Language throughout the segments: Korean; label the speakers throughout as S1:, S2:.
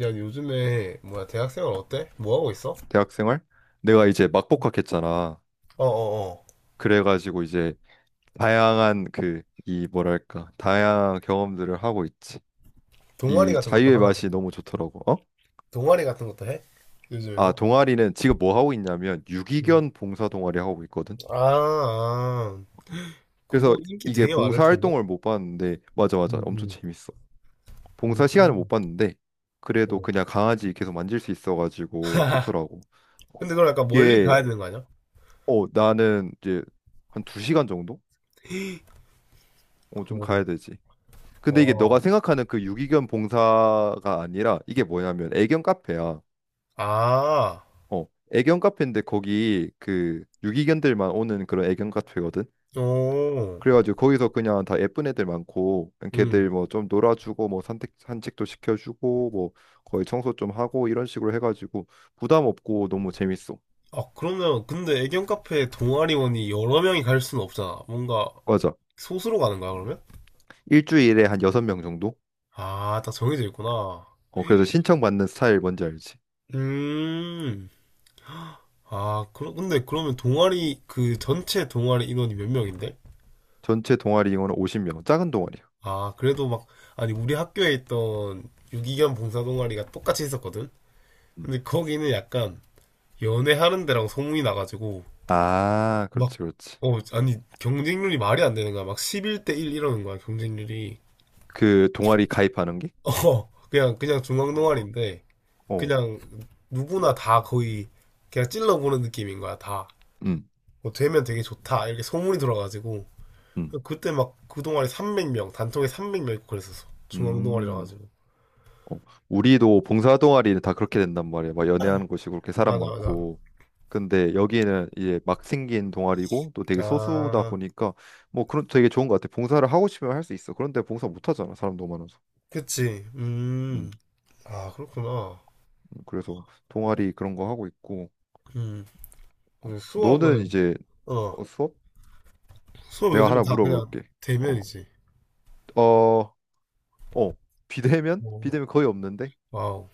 S1: 야, 요즘에 뭐야 대학생활 어때? 뭐 하고 있어?
S2: 대학 생활. 내가 이제 막 복학했잖아.
S1: 어, 어, 어.
S2: 그래가지고 이제 다양한 그 이 뭐랄까 다양한 경험들을 하고 있지.
S1: 동아리
S2: 이
S1: 같은 것도
S2: 자유의
S1: 하나. 그럼.
S2: 맛이 너무 좋더라고. 어?
S1: 동아리 같은 것도 해?
S2: 아,
S1: 요즘에도?
S2: 동아리는 지금 뭐 하고 있냐면
S1: 음.
S2: 유기견 봉사 동아리 하고 있거든.
S1: 아, 아.
S2: 그래서
S1: 그거 인기
S2: 이게
S1: 되게 많을
S2: 봉사
S1: 텐데.
S2: 활동을 못 봤는데, 맞아, 맞아,
S1: 음,
S2: 엄청
S1: 음.
S2: 재밌어. 봉사 시간을 못
S1: 음.
S2: 봤는데 그래도
S1: 어.
S2: 그냥 강아지 계속 만질 수 있어가지고 좋더라고.
S1: 근데 그걸 약간 멀리
S2: 이게
S1: 가야 되는 거 아니야?
S2: 나는 이제 한 2시간 정도? 좀
S1: 헐.
S2: 가야 되지. 근데 이게 너가
S1: 와.
S2: 생각하는 그 유기견 봉사가 아니라 이게 뭐냐면 애견 카페야.
S1: 아,
S2: 어, 애견 카페인데 거기 그 유기견들만 오는 그런 애견 카페거든.
S1: 오.
S2: 그래가지고 거기서 그냥 다 예쁜 애들 많고
S1: 음.
S2: 걔들 뭐 좀 놀아주고 뭐 산책도 시켜주고 뭐 거의 청소 좀 하고 이런 식으로 해가지고 부담 없고 너무 재밌어.
S1: 아, 그러면 근데 애견 카페 동아리원이 여러 명이 갈 수는 없잖아. 뭔가
S2: 맞아.
S1: 소수로 가는 거야, 그러면?
S2: 일주일에 한 6명 정도?
S1: 아, 딱 정해져 있구나.
S2: 그래서 신청받는 스타일 뭔지 알지?
S1: 음. 아, 근데 그러면 그 전체 동아리 인원이 몇 명인데?
S2: 전체 동아리 인원은 50명. 작은 동아리야.
S1: 아, 그래도 막, 아니, 우리 학교에 있던 유기견 봉사 동아리가 똑같이 있었거든?
S2: 음.
S1: 근데 거기는 약간 연애하는 데라고 소문이 나가지고,
S2: 아,
S1: 막,
S2: 그렇지, 그렇지.
S1: 아니, 경쟁률이 말이 안 되는 거야. 막 11대 1 이러는 거야, 경쟁률이.
S2: 그 동아리 가입하는 게?
S1: 어, 그냥 중앙
S2: 어,
S1: 동아리인데,
S2: 어.
S1: 그냥 누구나 다 거의, 그냥 찔러보는 느낌인 거야, 다.
S2: 음,
S1: 뭐 되면 되게 좋다, 이렇게 소문이 돌아가지고.
S2: 음,
S1: 그때 막 그 동아리 300명, 단톡에 300명 있고 그랬었어. 중앙 동아리라
S2: 음.
S1: 가지고.
S2: 어, 우리도 봉사 동아리는 다 그렇게 된단 말이야. 막 연애하는 곳이고 그렇게 사람
S1: 맞아, 맞아.
S2: 많고. 근데 여기는 이제 막 생긴 동아리고 또 되게 소수다
S1: 아,
S2: 보니까 뭐 그런 되게 좋은 것 같아. 봉사를 하고 싶으면 할 수 있어. 그런데 봉사 못 하잖아. 사람 너무 많아서.
S1: 그치. 음.
S2: 음,
S1: 아, 그렇구나.
S2: 그래서 동아리 그런 거 하고 있고.
S1: 음.
S2: 어,
S1: 근데
S2: 너는
S1: 수업은
S2: 이제.
S1: 어,
S2: 어, 수업?
S1: 수업
S2: 내가
S1: 요즘에
S2: 하나
S1: 다 그냥
S2: 물어볼게. 어,
S1: 대면이지.
S2: 어, 어, 비대면?
S1: 뭐,
S2: 비대면 거의 없는데.
S1: 와우.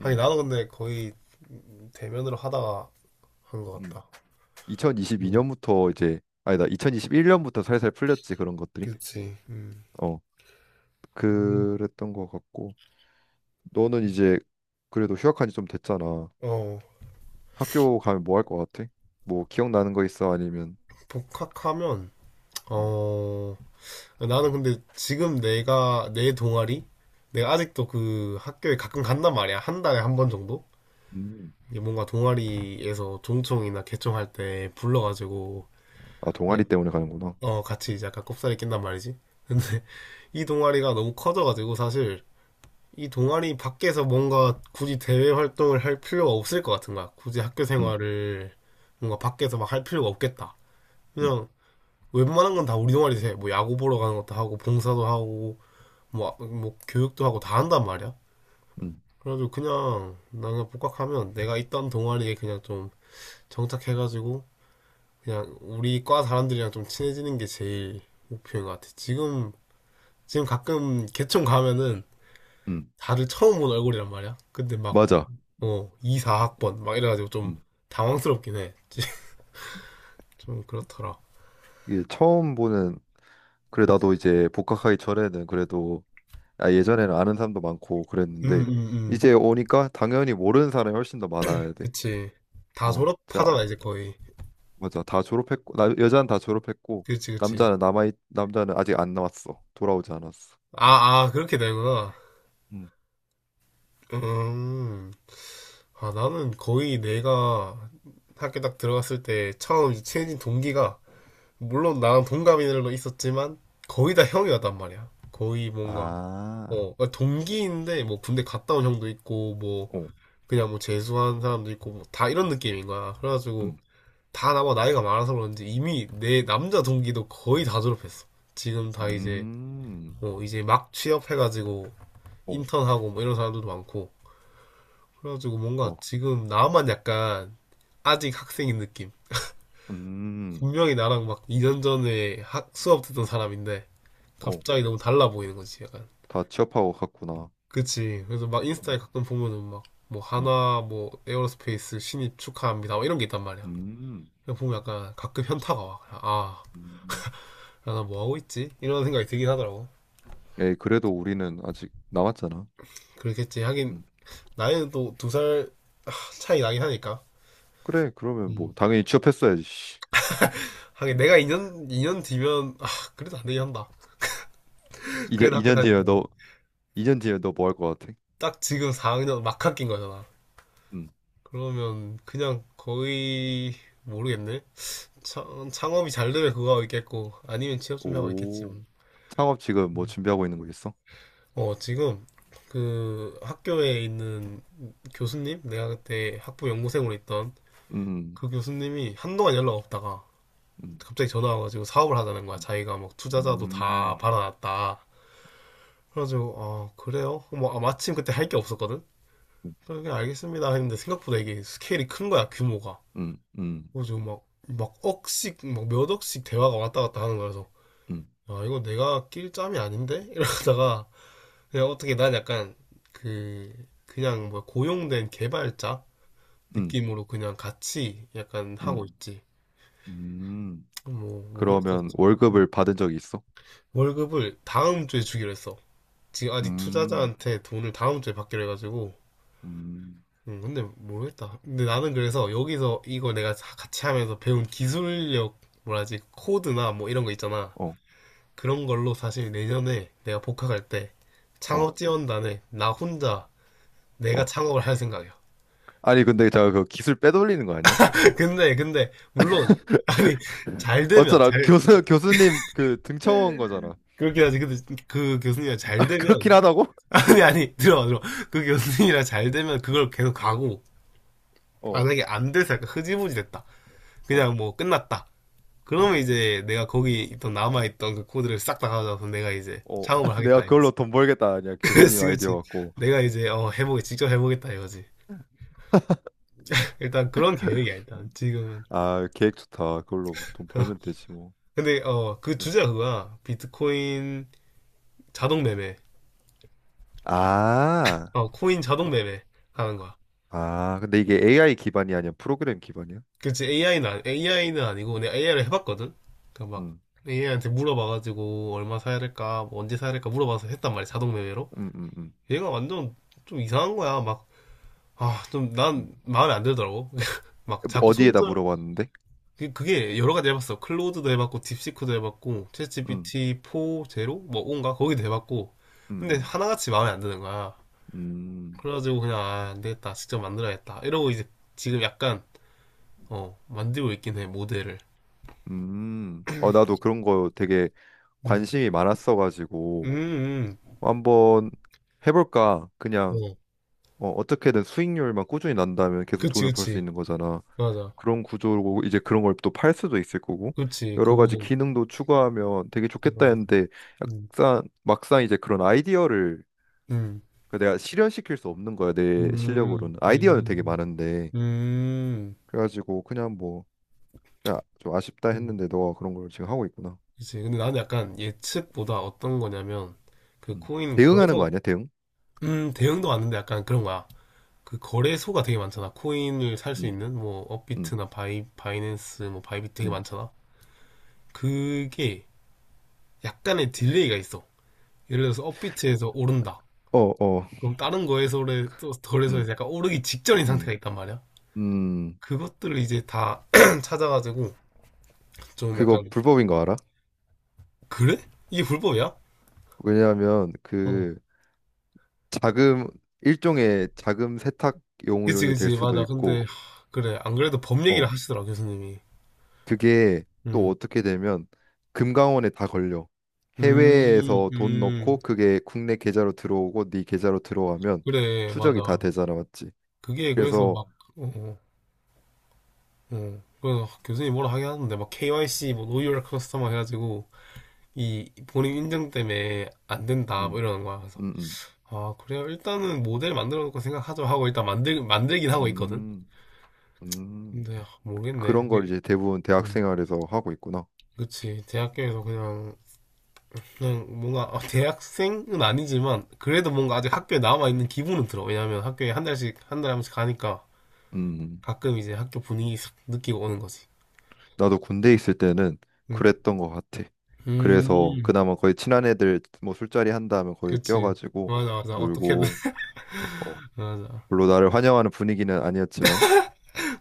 S1: 아니
S2: 음,
S1: 나도 근데 거의 대면으로 하다가 한 것
S2: 음.
S1: 같다. 음.
S2: 2022년부터 이제 아니다 2021년부터 살살 풀렸지 그런 것들이.
S1: 그치. 음.
S2: 어 그랬던 것 같고 너는 이제 그래도 휴학한 지 좀 됐잖아.
S1: 어,
S2: 학교 가면 뭐 할 것 같아? 뭐 기억나는 거 있어? 아니면
S1: 복학하면
S2: 음.
S1: 어, 나는 근데 지금 내가 내 동아리 내가 아직도 그 학교에 가끔 간단 말이야. 한 달에 한 번 정도?
S2: 음.
S1: 이게 뭔가 동아리에서 종총이나 개총할 때 불러가지고
S2: 아,
S1: 그냥
S2: 동아리 때문에 가는구나.
S1: 같이 이제 약간 꼽사리 낀단 말이지. 근데 이 동아리가 너무 커져가지고 사실 이 동아리 밖에서 뭔가 굳이 대외 활동을 할 필요가 없을 것 같은 거야. 굳이 학교
S2: 음,
S1: 생활을 뭔가 밖에서 막 할 필요가 없겠다.
S2: 음,
S1: 그냥 웬만한 건 다 우리 동아리에서 해. 뭐 야구 보러 가는 것도 하고 봉사도 하고 뭐, 뭐 교육도 하고 다 한단 말이야.
S2: 음,
S1: 그래가지고 그냥 나는 복학하면 내가 있던 동아리에 그냥 좀 정착해가지고 그냥 우리 과 사람들이랑 좀 친해지는 게 제일 목표인 것 같아. 지금 가끔 개총 가면은
S2: 음.
S1: 다들 처음 본 얼굴이란 말이야. 근데 막
S2: 맞아.
S1: 2, 4학번 막 이래가지고 좀
S2: 음.
S1: 당황스럽긴 해. 좀 그렇더라.
S2: 이게 처음 보는. 그래, 나도 이제 복학하기 전에는 그래도, 아, 예전에는 아는 사람도 많고
S1: 음,
S2: 그랬는데
S1: 음, 음.
S2: 이제 오니까 당연히 모르는 사람이 훨씬 더 많아야 돼.
S1: 그치. 다
S2: 어, 자,
S1: 졸업하잖아 이제 거의.
S2: 맞아. 다 졸업했고, 나, 여자는 다 졸업했고
S1: 그치, 그치.
S2: 남자는 아직 안 나왔어. 돌아오지 않았어.
S1: 아, 아, 그렇게 되는구나.
S2: 음.
S1: 음. 아, 나는 거의 내가 학교 딱 들어갔을 때 처음 이제 친해진 동기가 물론 나랑 동갑인들도 있었지만 거의 다 형이었단 말이야. 거의 뭔가
S2: 아.
S1: 동기인데 뭐 군대 갔다 온 형도 있고 뭐
S2: 어.
S1: 그냥 뭐 재수한 사람도 있고 뭐다 이런 느낌인 거야. 그래가지고
S2: 음.
S1: 다 나보다 나이가 많아서 그런지 이미 내 남자 동기도 거의 다 졸업했어. 지금 다 이제
S2: 음.
S1: 이제 막 취업해가지고
S2: 어.
S1: 인턴하고 뭐 이런 사람들도 많고 그래가지고 뭔가
S2: 어.
S1: 지금 나만 약간 아직 학생인 느낌.
S2: 음.
S1: 분명히 나랑 막 2년
S2: 그렇게.
S1: 전에 수업 듣던 사람인데
S2: 어.
S1: 갑자기 너무 달라 보이는 거지, 약간.
S2: 다 취업하고 갔구나.
S1: 그치. 그래서 막 인스타에
S2: 음.
S1: 가끔 보면은 막 뭐
S2: 음.
S1: 하나 뭐 에어로스페이스 신입 축하합니다 뭐 이런 게 있단 말이야.
S2: 음.
S1: 그냥 보면 약간 가끔 현타가 와. 아,
S2: 음.
S1: 나 뭐 하고 있지? 이런 생각이 들긴 하더라고.
S2: 에이, 그래도 우리는 아직 남았잖아.
S1: 그렇겠지. 하긴
S2: 음.
S1: 나이는 또 두 살 차이 나긴 하니까.
S2: 그래. 그러면 뭐
S1: 음.
S2: 당연히 취업했어야지. 씨.
S1: 하긴 내가 2년 이 년 뒤면 아, 그래도 안 되긴 한다.
S2: 이제
S1: 그래도 학교
S2: 2년
S1: 다닐 때.
S2: 뒤에 너. 2년 뒤에 너 뭐 할 것 같아?
S1: 딱 지금 4학년 막학기인 거잖아.
S2: 음.
S1: 그러면 그냥 거의 모르겠네. 창업이 잘 되면 그거 하고 있겠고 아니면 취업 준비하고 있겠지
S2: 오.
S1: 뭐.
S2: 창업 지금 뭐 준비하고 있는 거 있어?
S1: 지금 그 학교에 있는 교수님 내가 그때 학부 연구생으로 있던
S2: 음.
S1: 그 교수님이 한동안 연락 없다가
S2: 음.
S1: 갑자기 전화 와가지고 사업을 하자는 거야. 자기가 막 투자자도 다
S2: 음,
S1: 받아놨다. 그래가지고 아 그래요? 뭐 아, 마침 그때 할 게 없었거든. 그래 알겠습니다 했는데 생각보다 이게 스케일이 큰 거야 규모가.
S2: 음, 음,
S1: 그래서 막 몇 억씩 대화가 왔다 갔다 하는 거라서,
S2: 음,
S1: 아, 이거 내가 낄 짬이 아닌데? 이러다가, 그냥 어떻게 난 약간, 그, 그냥 뭐 고용된 개발자
S2: 음,
S1: 느낌으로 그냥 같이 약간 하고
S2: 음,
S1: 있지.
S2: 음.
S1: 뭐,
S2: 그러면
S1: 모르겠었지. 음.
S2: 월급을 받은 적이 있어?
S1: 월급을 다음 주에 주기로 했어. 지금 아직
S2: 음,
S1: 투자자한테 돈을 다음 주에 받기로 해가지고,
S2: 음,
S1: 근데 모르겠다. 근데 나는 그래서 여기서 이거 내가 같이 하면서 배운 기술력, 뭐라지, 코드나 뭐 이런 거 있잖아.
S2: 어,
S1: 그런 걸로 사실 내년에 내가 복학할 때
S2: 어,
S1: 창업 지원단에 나 혼자 내가
S2: 어.
S1: 창업을 할 생각이야.
S2: 아니, 근데 제가 그 기술 빼돌리는 거 아니야?
S1: 근데 물론 아니 잘 되면
S2: 맞잖아. 교수님 그 등쳐온 거잖아.
S1: 그렇긴 하지. 근데 그 교수님이랑 잘
S2: 아, 그렇긴
S1: 되면
S2: 하다고?
S1: 아니 아니 들어 들어 그 교수님이랑 잘 되면 그걸 계속 가고
S2: 어,
S1: 만약에 안 돼서 약간 흐지부지 됐다.
S2: 어,
S1: 그냥 뭐 끝났다. 그러면
S2: 어,
S1: 이제 내가 거기 있던 남아있던 그 코드를 싹 다 가져와서 내가 이제
S2: 어.
S1: 창업을
S2: 내가
S1: 하겠다 이거지.
S2: 그걸로 돈 벌겠다. 아니야. 교수님
S1: 그렇지
S2: 아이디어
S1: 그렇지.
S2: 갖고.
S1: 내가 이제 어 해보게 직접 해보겠다 이거지. 일단 그런 계획이야, 일단. 지금은.
S2: 아, 계획 좋다. 그걸로 돈 벌면 되지 뭐.
S1: 근데, 그
S2: 그래.
S1: 주제가 그거야. 비트코인 자동 매매.
S2: 아,
S1: 코인 자동 매매 하는 거야.
S2: 아, 근데 이게 AI 기반이 아니야? 프로그램 기반이야?
S1: 그치, AI는, 아니, AI는 아니고, 내가 AI를 해봤거든? 그니까 막,
S2: 응.
S1: AI한테 물어봐가지고, 얼마 사야 될까, 뭐 언제 사야 될까 물어봐서 했단 말이야, 자동 매매로.
S2: 음, 음, 음,
S1: 얘가 완전 좀 이상한 거야. 막, 아, 좀,
S2: 음.
S1: 난 마음에 안 들더라고. 막, 자꾸
S2: 어디에다
S1: 손절,
S2: 물어봤는데?
S1: 그게 여러 가지 해봤어. 클로드도 해봤고, 딥시크도 해봤고, 챗
S2: 음,
S1: GPT 4, 제로? 뭐, 온가? 거기도 해봤고. 근데
S2: 음,
S1: 하나같이 마음에 안 드는 거야.
S2: 음, 음.
S1: 그래가지고 그냥, 아, 안 되겠다. 직접 만들어야겠다. 이러고 이제 지금 약간, 만들고 있긴 해, 모델을.
S2: 음. 어, 나도 그런 거 되게
S1: 음,
S2: 관심이 많았어가지고
S1: 음,
S2: 한번 해볼까? 그냥,
S1: 어.
S2: 어, 어떻게든 수익률만 꾸준히 난다면 계속
S1: 그치,
S2: 돈을 벌 수
S1: 그치.
S2: 있는 거잖아.
S1: 맞아.
S2: 그런 구조고 이제 그런 걸 또 팔 수도 있을 거고
S1: 그치,
S2: 여러 가지
S1: 그거.
S2: 기능도 추가하면 되게 좋겠다 했는데
S1: 음,
S2: 약간 막상 이제 그런 아이디어를
S1: 음,
S2: 그 내가 실현시킬 수 없는 거야. 내
S1: 음,
S2: 실력으로는 아이디어는 되게
S1: 음,
S2: 많은데
S1: 음.
S2: 그래가지고 그냥 뭐, 야, 좀 아쉽다
S1: 음.
S2: 했는데 너가 그런 걸 지금 하고 있구나.
S1: 그치. 근데 나는 약간 예측보다 어떤 거냐면, 그
S2: 음.
S1: 코인
S2: 대응하는
S1: 거래소,
S2: 거 아니야, 대응?
S1: 대형도 왔는데 약간 그런 거야. 그 거래소가 되게 많잖아. 코인을 살 수
S2: 음,
S1: 있는 뭐
S2: 음,
S1: 업비트나 바이낸스 뭐 바이비트 되게
S2: 음.
S1: 많잖아. 그게 약간의 딜레이가 있어. 예를 들어서 업비트에서 오른다.
S2: 어, 어,
S1: 그럼 다른 거래소에 또 거래소에서
S2: 음,
S1: 약간 오르기 직전인 상태가
S2: 음,
S1: 있단 말이야.
S2: 음.
S1: 그것들을 이제 다 찾아가지고 좀
S2: 그거
S1: 약간
S2: 불법인 거 알아?
S1: 그래? 이게 불법이야?
S2: 왜냐하면
S1: 어.
S2: 그 자금 일종의 자금
S1: 그치
S2: 세탁용으로 될
S1: 그치
S2: 수도
S1: 맞아. 근데
S2: 있고,
S1: 하, 그래 안 그래도 법 얘기를
S2: 어,
S1: 하시더라 교수님이.
S2: 그게 또
S1: 음.
S2: 어떻게 되면 금감원에 다 걸려.
S1: 음,
S2: 해외에서 돈
S1: 음,
S2: 넣고 그게 국내 계좌로 들어오고 네 계좌로 들어가면
S1: 그래, 맞아.
S2: 추적이 다 되잖아, 맞지?
S1: 그게 그래서
S2: 그래서
S1: 막, 어, 어, 어. 그래서 교수님이 뭐라 하긴 하는데, 막 KYC, 뭐, Know Your Customer 해가지고, 이 본인 인증 때문에 안 된다, 뭐
S2: 음,
S1: 이러는 거야. 그래서,
S2: 음, 음.
S1: 아, 그래요? 일단은 모델 만들어 놓고 생각하죠 하고 일단 만들긴 하고 있거든?
S2: 음. 음,
S1: 근데, 아, 모르겠네.
S2: 그런 걸
S1: 이게,
S2: 이제 대부분 대학
S1: 음.
S2: 생활에서 하고 있구나.
S1: 그치. 대학교에서 그냥, 뭔가, 대학생은 아니지만, 그래도 뭔가 아직 학교에 남아있는 기분은 들어. 왜냐면 학교에 한 달에 한 번씩 가니까,
S2: 음,
S1: 가끔 이제 학교 분위기 싹 느끼고 오는 거지.
S2: 나도 군대 있을 때는
S1: 음.
S2: 그랬던 것 같아. 그래서
S1: 음.
S2: 그나마 거의 친한 애들 뭐 술자리 한다 하면 거의
S1: 그치.
S2: 껴가지고
S1: 맞아, 맞아. 어떻게든.
S2: 놀고, 어,
S1: 맞아.
S2: 물론 나를 환영하는 분위기는 아니었지만,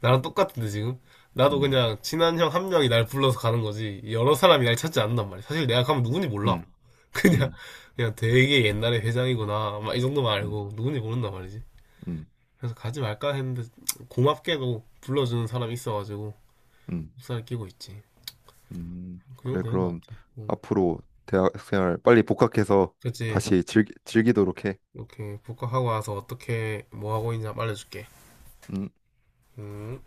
S1: 나랑 똑같은데, 지금? 나도
S2: 음,
S1: 그냥 친한 형 한 명이 날 불러서 가는 거지. 여러 사람이 날 찾지 않는단 말이야. 사실 내가 가면 누군지 몰라.
S2: 음,
S1: 그냥,
S2: 음,
S1: 되게 옛날에 회장이구나. 막 이 정도만
S2: 음,
S1: 알고 누군지 모른단 말이지.
S2: 음,
S1: 그래서 가지 말까 했는데, 고맙게도 불러주는 사람이 있어가지고,
S2: 음,
S1: 흡사를 끼고 있지. 그 정도
S2: 그래,
S1: 되는 것
S2: 그럼
S1: 같아. 응.
S2: 앞으로 대학 생활 빨리 복학해서
S1: 그치.
S2: 다시 즐기도록 해.
S1: 이렇게 복학하고 와서 어떻게, 뭐 하고 있냐 알려줄게.
S2: 음.
S1: 음.